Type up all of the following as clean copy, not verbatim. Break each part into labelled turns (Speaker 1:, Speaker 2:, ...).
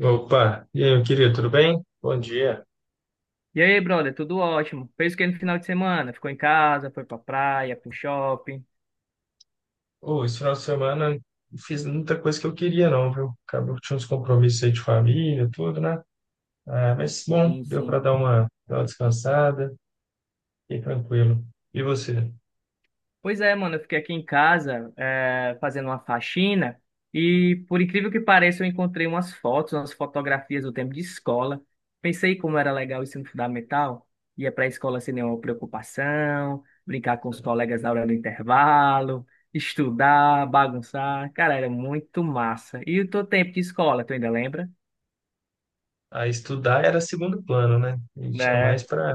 Speaker 1: Opa, e aí, meu querido, tudo bem? Bom dia.
Speaker 2: E aí, brother, tudo ótimo. Fez o que no final de semana? Ficou em casa, foi pra praia, pro shopping?
Speaker 1: Ô, esse final de semana não fiz muita coisa que eu queria, não, viu? Acabou que tinha uns compromissos aí de família, tudo, né? Ah, mas bom,
Speaker 2: Sim,
Speaker 1: deu para
Speaker 2: sim.
Speaker 1: dar uma descansada, fiquei tranquilo. E você?
Speaker 2: Pois é, mano, eu fiquei aqui em casa, fazendo uma faxina e, por incrível que pareça, eu encontrei umas fotografias do tempo de escola. Pensei como era legal o ensino fundamental, ia pra escola sem nenhuma preocupação, brincar com os colegas na hora do intervalo, estudar, bagunçar. Cara, era muito massa. E o teu tempo de escola, tu ainda lembra?
Speaker 1: Ah, estudar era segundo plano, né? E tinha
Speaker 2: Né?
Speaker 1: mais para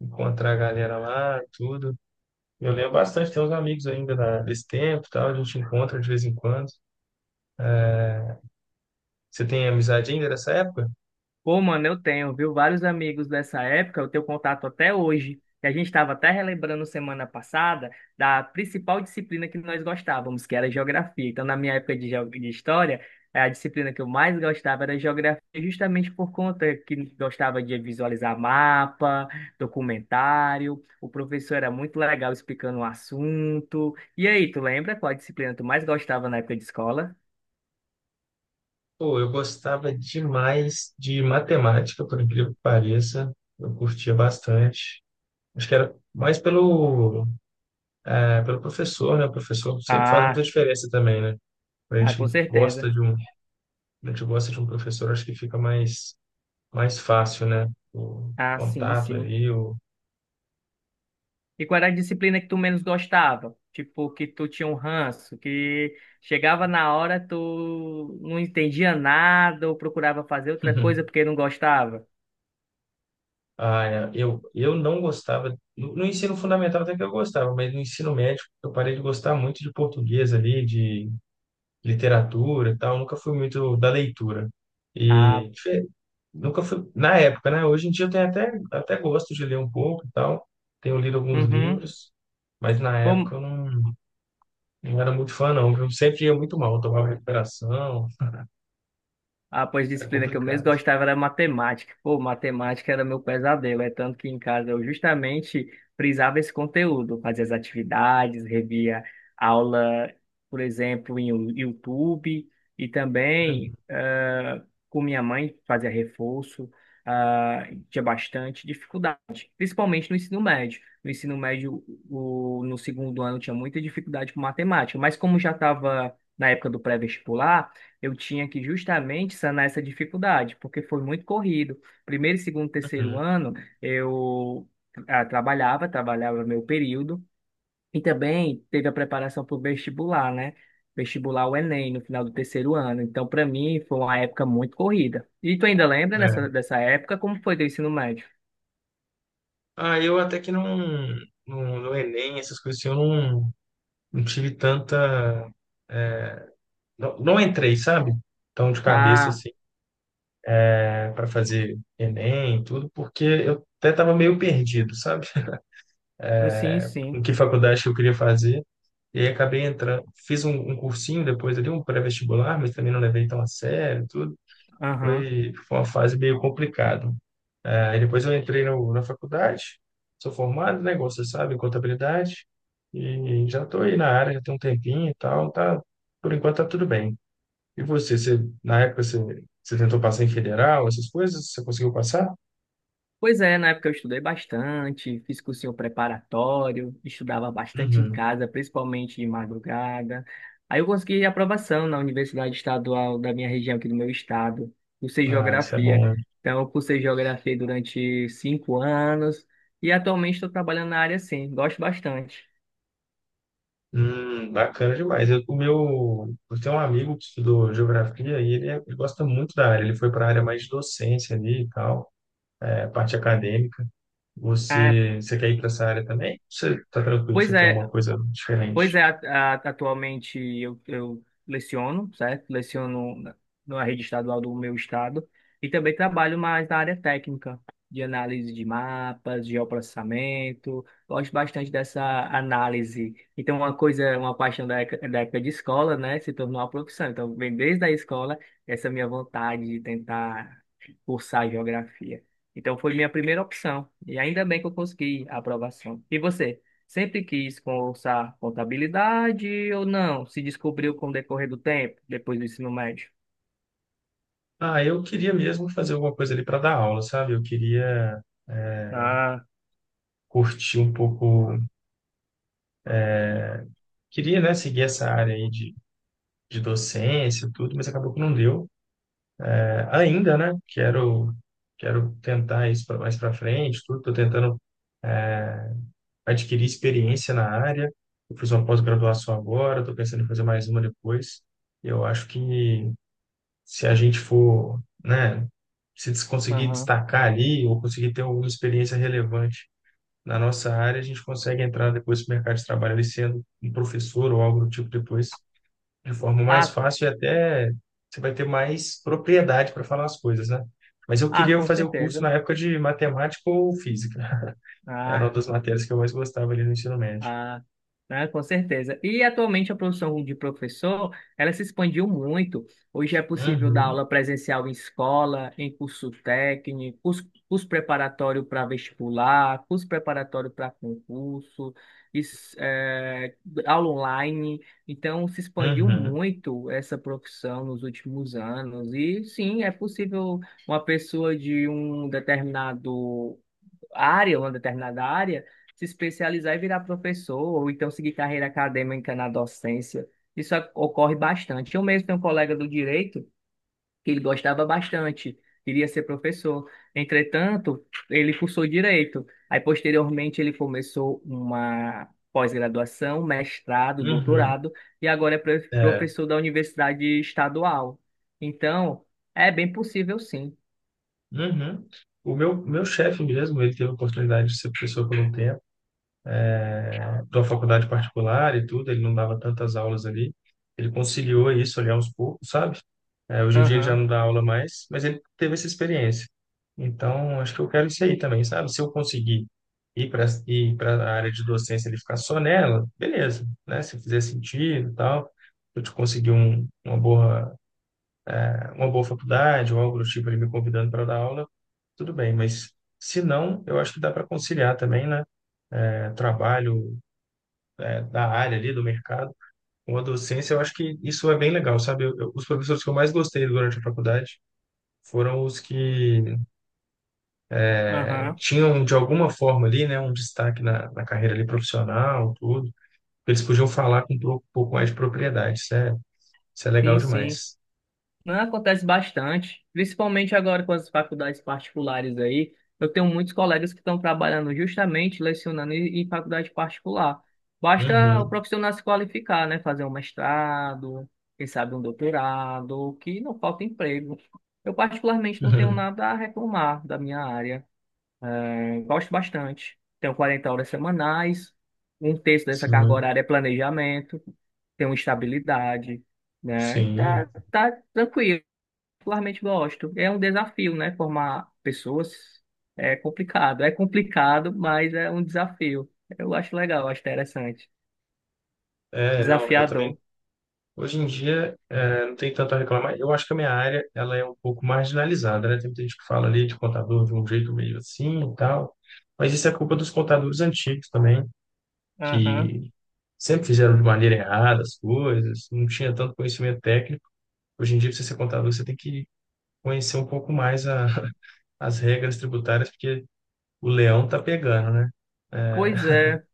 Speaker 1: encontrar a galera lá e tudo. Eu lembro bastante, tem uns amigos ainda desse tempo, e tal, a gente encontra de vez em quando. Você tem amizade ainda dessa época?
Speaker 2: Pô, mano, eu tenho, viu, vários amigos dessa época, eu tenho contato até hoje. E a gente estava até relembrando semana passada da principal disciplina que nós gostávamos, que era geografia. Então, na minha época de história, a disciplina que eu mais gostava era geografia, justamente por conta que gostava de visualizar mapa, documentário. O professor era muito legal explicando o assunto. E aí, tu lembra qual a disciplina tu mais gostava na época de escola?
Speaker 1: Pô, eu gostava demais de matemática, por incrível que pareça. Eu curtia bastante. Acho que era mais pelo, é, pelo professor, né? O professor sempre faz muita
Speaker 2: Ah,
Speaker 1: diferença também, né? Quando a
Speaker 2: ah, com
Speaker 1: gente gosta
Speaker 2: certeza.
Speaker 1: de um, a gente gosta de um professor, acho que fica mais, mais fácil, né? O
Speaker 2: Ah, sim,
Speaker 1: contato
Speaker 2: sim.
Speaker 1: ali, o...
Speaker 2: E qual era a disciplina que tu menos gostava? Tipo, que tu tinha um ranço, que chegava na hora, tu não entendia nada ou procurava fazer outra coisa porque não gostava?
Speaker 1: Ah, é, eu não gostava, no ensino fundamental até que eu gostava, mas no ensino médio eu parei de gostar muito de português ali, de literatura e tal, nunca fui muito da leitura.
Speaker 2: Ah,
Speaker 1: E fe- Nunca fui, na época, né? Hoje em dia eu tenho até, até gosto de ler um pouco e tal, tenho lido alguns
Speaker 2: uhum.
Speaker 1: livros, mas na época
Speaker 2: Bom,
Speaker 1: eu não, não era muito fã, não, viu? Sempre ia muito mal, tomava recuperação,
Speaker 2: ah, pois
Speaker 1: era
Speaker 2: disciplina que eu mesmo
Speaker 1: complicado.
Speaker 2: gostava era matemática. Pô, matemática era meu pesadelo, é tanto que em casa eu justamente frisava esse conteúdo, fazia as atividades, revia aula, por exemplo, em YouTube, e também com minha mãe fazia reforço, tinha bastante dificuldade, principalmente no ensino médio. No ensino médio, no segundo ano, tinha muita dificuldade com matemática, mas como já estava na época do pré-vestibular, eu tinha que justamente sanar essa dificuldade, porque foi muito corrido. Primeiro, segundo, terceiro
Speaker 1: Uhum.
Speaker 2: ano, eu trabalhava meu período, e também teve a preparação para o vestibular, né? Vestibular o Enem no final do terceiro ano. Então, para mim, foi uma época muito corrida. E tu ainda lembra dessa,
Speaker 1: É.
Speaker 2: dessa época? Como foi teu ensino médio?
Speaker 1: Ah, eu até que não, no Enem, essas coisas assim, eu não, não tive tanta. Não, não entrei, sabe? Tão de cabeça
Speaker 2: Ah,
Speaker 1: assim. Para fazer Enem e tudo, porque eu até estava meio perdido, sabe?
Speaker 2: sim,
Speaker 1: Em
Speaker 2: sim.
Speaker 1: que faculdade que eu queria fazer. E aí acabei entrando, fiz um cursinho depois ali, um pré-vestibular, mas também não levei tão a sério, tudo.
Speaker 2: Aham.
Speaker 1: Foi uma fase meio complicada. Aí depois eu entrei no, na faculdade, sou formado, né, igual você sabe, em contabilidade, e já estou aí na área, já tem um tempinho e tal, tá, por enquanto tá tudo bem. E você, você tentou passar em federal, essas coisas, você conseguiu passar?
Speaker 2: Pois é, na época eu estudei bastante, fiz cursinho preparatório, estudava bastante em
Speaker 1: Uhum.
Speaker 2: casa, principalmente de madrugada. Aí eu consegui aprovação na Universidade Estadual da minha região aqui do meu estado, cursei
Speaker 1: Ah, isso é bom,
Speaker 2: geografia.
Speaker 1: né?
Speaker 2: Então, eu cursei geografia durante 5 anos e atualmente estou trabalhando na área sim, gosto bastante.
Speaker 1: Bacana demais. Eu tenho um amigo que estudou geografia e ele, ele gosta muito da área. Ele foi para a área mais de docência ali e tal, é, parte acadêmica.
Speaker 2: Ah,
Speaker 1: Você quer ir para essa área também? Você tá tranquilo,
Speaker 2: pois
Speaker 1: você quer
Speaker 2: é,
Speaker 1: uma coisa
Speaker 2: Pois
Speaker 1: diferente?
Speaker 2: é, atualmente eu leciono, certo? Leciono na rede estadual do meu estado e também trabalho mais na área técnica, de análise de mapas, geoprocessamento. Gosto bastante dessa análise. Então, uma paixão da época de escola, né, se tornou uma profissão. Então, vem desde a escola essa minha vontade de tentar cursar geografia. Então, foi minha primeira opção e ainda bem que eu consegui a aprovação. E você? Sempre quis cursar contabilidade ou não? Se descobriu com o decorrer do tempo, depois do ensino médio?
Speaker 1: Ah, eu queria mesmo fazer alguma coisa ali para dar aula, sabe? Eu queria
Speaker 2: Ah,
Speaker 1: curtir um pouco, queria, né, seguir essa área aí de docência, e tudo, mas acabou que não deu, ainda, né? Quero tentar isso mais para frente, tudo. Estou tentando, é, adquirir experiência na área. Eu fiz uma pós-graduação agora, estou pensando em fazer mais uma depois. Eu acho que se a gente for, né, se des- conseguir
Speaker 2: aham.
Speaker 1: destacar ali ou conseguir ter alguma experiência relevante na nossa área, a gente consegue entrar depois no mercado de trabalho ali sendo um professor ou algo do tipo depois de forma mais
Speaker 2: Ah,
Speaker 1: fácil, e até você vai ter mais propriedade para falar as coisas, né? Mas eu
Speaker 2: ah,
Speaker 1: queria
Speaker 2: com
Speaker 1: fazer o curso
Speaker 2: certeza.
Speaker 1: na época de matemática ou física. Era uma
Speaker 2: Ah,
Speaker 1: das matérias que eu mais gostava ali no ensino médio.
Speaker 2: ah, né, com certeza. E atualmente a profissão de professor, ela se expandiu muito. Hoje é possível dar
Speaker 1: Uhum,
Speaker 2: aula presencial em escola, em curso técnico, curso preparatório para vestibular, curso preparatório para concurso, is- eh, aula online. Então, se expandiu
Speaker 1: uhum,
Speaker 2: muito essa profissão nos últimos anos. E sim, é possível uma pessoa de uma determinada área, se especializar e virar professor, ou então seguir carreira acadêmica na docência. Isso ocorre bastante. Eu mesmo tenho um colega do direito que ele gostava bastante, queria ser professor. Entretanto, ele cursou direito. Aí, posteriormente, ele começou uma pós-graduação, mestrado,
Speaker 1: uhum,
Speaker 2: doutorado, e agora é
Speaker 1: é,
Speaker 2: professor da Universidade Estadual. Então, é bem possível, sim.
Speaker 1: uhum. Meu chefe mesmo, ele teve a oportunidade de ser professor por um tempo. É, da faculdade particular e tudo, ele não dava tantas aulas ali. Ele conciliou isso ali aos poucos, sabe? É, hoje em dia ele já
Speaker 2: Aham,
Speaker 1: não dá aula mais, mas ele teve essa experiência. Então, acho que eu quero isso aí também, sabe? Se eu conseguir ir para a área de docência e ficar só nela, beleza, né? Se fizer sentido e tal, eu te conseguir uma boa faculdade ou algo do tipo, ele me convidando para dar aula, tudo bem, mas se não, eu acho que dá para conciliar também, né? É, trabalho, da área ali, do mercado, com a docência, eu acho que isso é bem legal, sabe? Os professores que eu mais gostei durante a faculdade foram os que
Speaker 2: aham,
Speaker 1: tinham, de alguma forma ali, né, um destaque na, na carreira ali profissional, tudo. Eles podiam falar com um pouco mais de propriedade, isso é legal
Speaker 2: sim, sim.
Speaker 1: demais.
Speaker 2: Não, acontece bastante, principalmente agora com as faculdades particulares aí. Eu tenho muitos colegas que estão trabalhando justamente lecionando em faculdade particular. Basta o
Speaker 1: Uhum.
Speaker 2: profissional se qualificar, né? Fazer um mestrado, quem sabe um doutorado, que não falta emprego. Eu particularmente não tenho nada a reclamar da minha área. É, gosto bastante. Tenho 40 horas semanais, um terço dessa carga
Speaker 1: Sim,
Speaker 2: horária é planejamento, tenho estabilidade, né? E
Speaker 1: sim.
Speaker 2: tá tranquilo, particularmente gosto. É um desafio, né? Formar pessoas é complicado. É complicado, mas é um desafio. Eu acho legal, acho interessante.
Speaker 1: É, não, eu também.
Speaker 2: Desafiador.
Speaker 1: Hoje em dia, não tem tanto a reclamar. Eu acho que a minha área, ela é um pouco marginalizada, né? Tem muita gente que fala ali de contador de um jeito meio assim e tal. Mas isso é culpa dos contadores antigos também,
Speaker 2: Aham.
Speaker 1: que sempre fizeram de maneira errada as coisas, não tinha tanto conhecimento técnico. Hoje em dia, para você ser contador, você tem que conhecer um pouco mais as regras tributárias, porque o leão tá pegando, né? Eh,
Speaker 2: Pois é.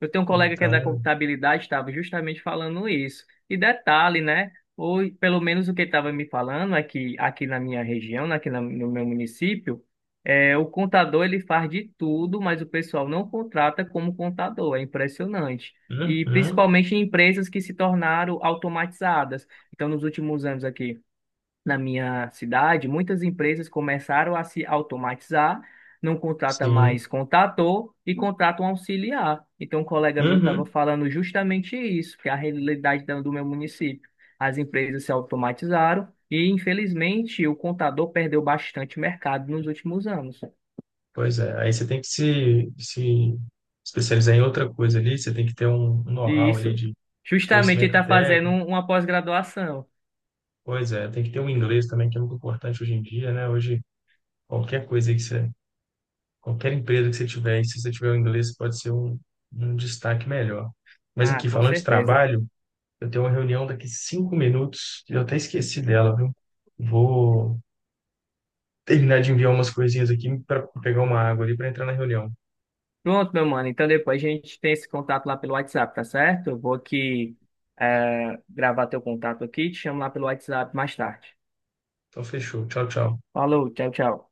Speaker 2: Eu tenho um colega que é da
Speaker 1: então,
Speaker 2: contabilidade, estava justamente falando isso. E detalhe, né? Ou pelo menos o que ele estava me falando é que aqui na minha região, né, aqui no meu município, o contador ele faz de tudo, mas o pessoal não contrata como contador. É impressionante. E
Speaker 1: uhum,
Speaker 2: principalmente em empresas que se tornaram automatizadas. Então, nos últimos anos aqui na minha cidade, muitas empresas começaram a se automatizar, não contrata
Speaker 1: sim.
Speaker 2: mais contator e contrata um auxiliar. Então, um colega meu estava
Speaker 1: Uhum.
Speaker 2: falando justamente isso, que é a realidade do meu município. As empresas se automatizaram e, infelizmente, o contador perdeu bastante mercado nos últimos anos.
Speaker 1: Pois é, aí você tem que se especializar em outra coisa ali, você tem que ter um um
Speaker 2: E
Speaker 1: know-how ali
Speaker 2: isso,
Speaker 1: de
Speaker 2: justamente, ele
Speaker 1: conhecimento
Speaker 2: está fazendo
Speaker 1: técnico,
Speaker 2: uma pós-graduação.
Speaker 1: pois é, tem que ter um inglês também, que é muito importante hoje em dia, né? Hoje, qualquer coisa aí que você, qualquer empresa que você tiver, e se você tiver o inglês, pode ser um destaque melhor. Mas
Speaker 2: Ah,
Speaker 1: aqui,
Speaker 2: com
Speaker 1: falando de
Speaker 2: certeza.
Speaker 1: trabalho, eu tenho uma reunião daqui 5 minutos, e eu até esqueci dela, viu? Vou terminar de enviar umas coisinhas aqui para pegar uma água ali para entrar na reunião.
Speaker 2: Pronto, meu mano. Então depois a gente tem esse contato lá pelo WhatsApp, tá certo? Eu vou aqui gravar teu contato aqui e te chamo lá pelo WhatsApp mais tarde.
Speaker 1: Então, fechou. Tchau, tchau.
Speaker 2: Falou, tchau, tchau.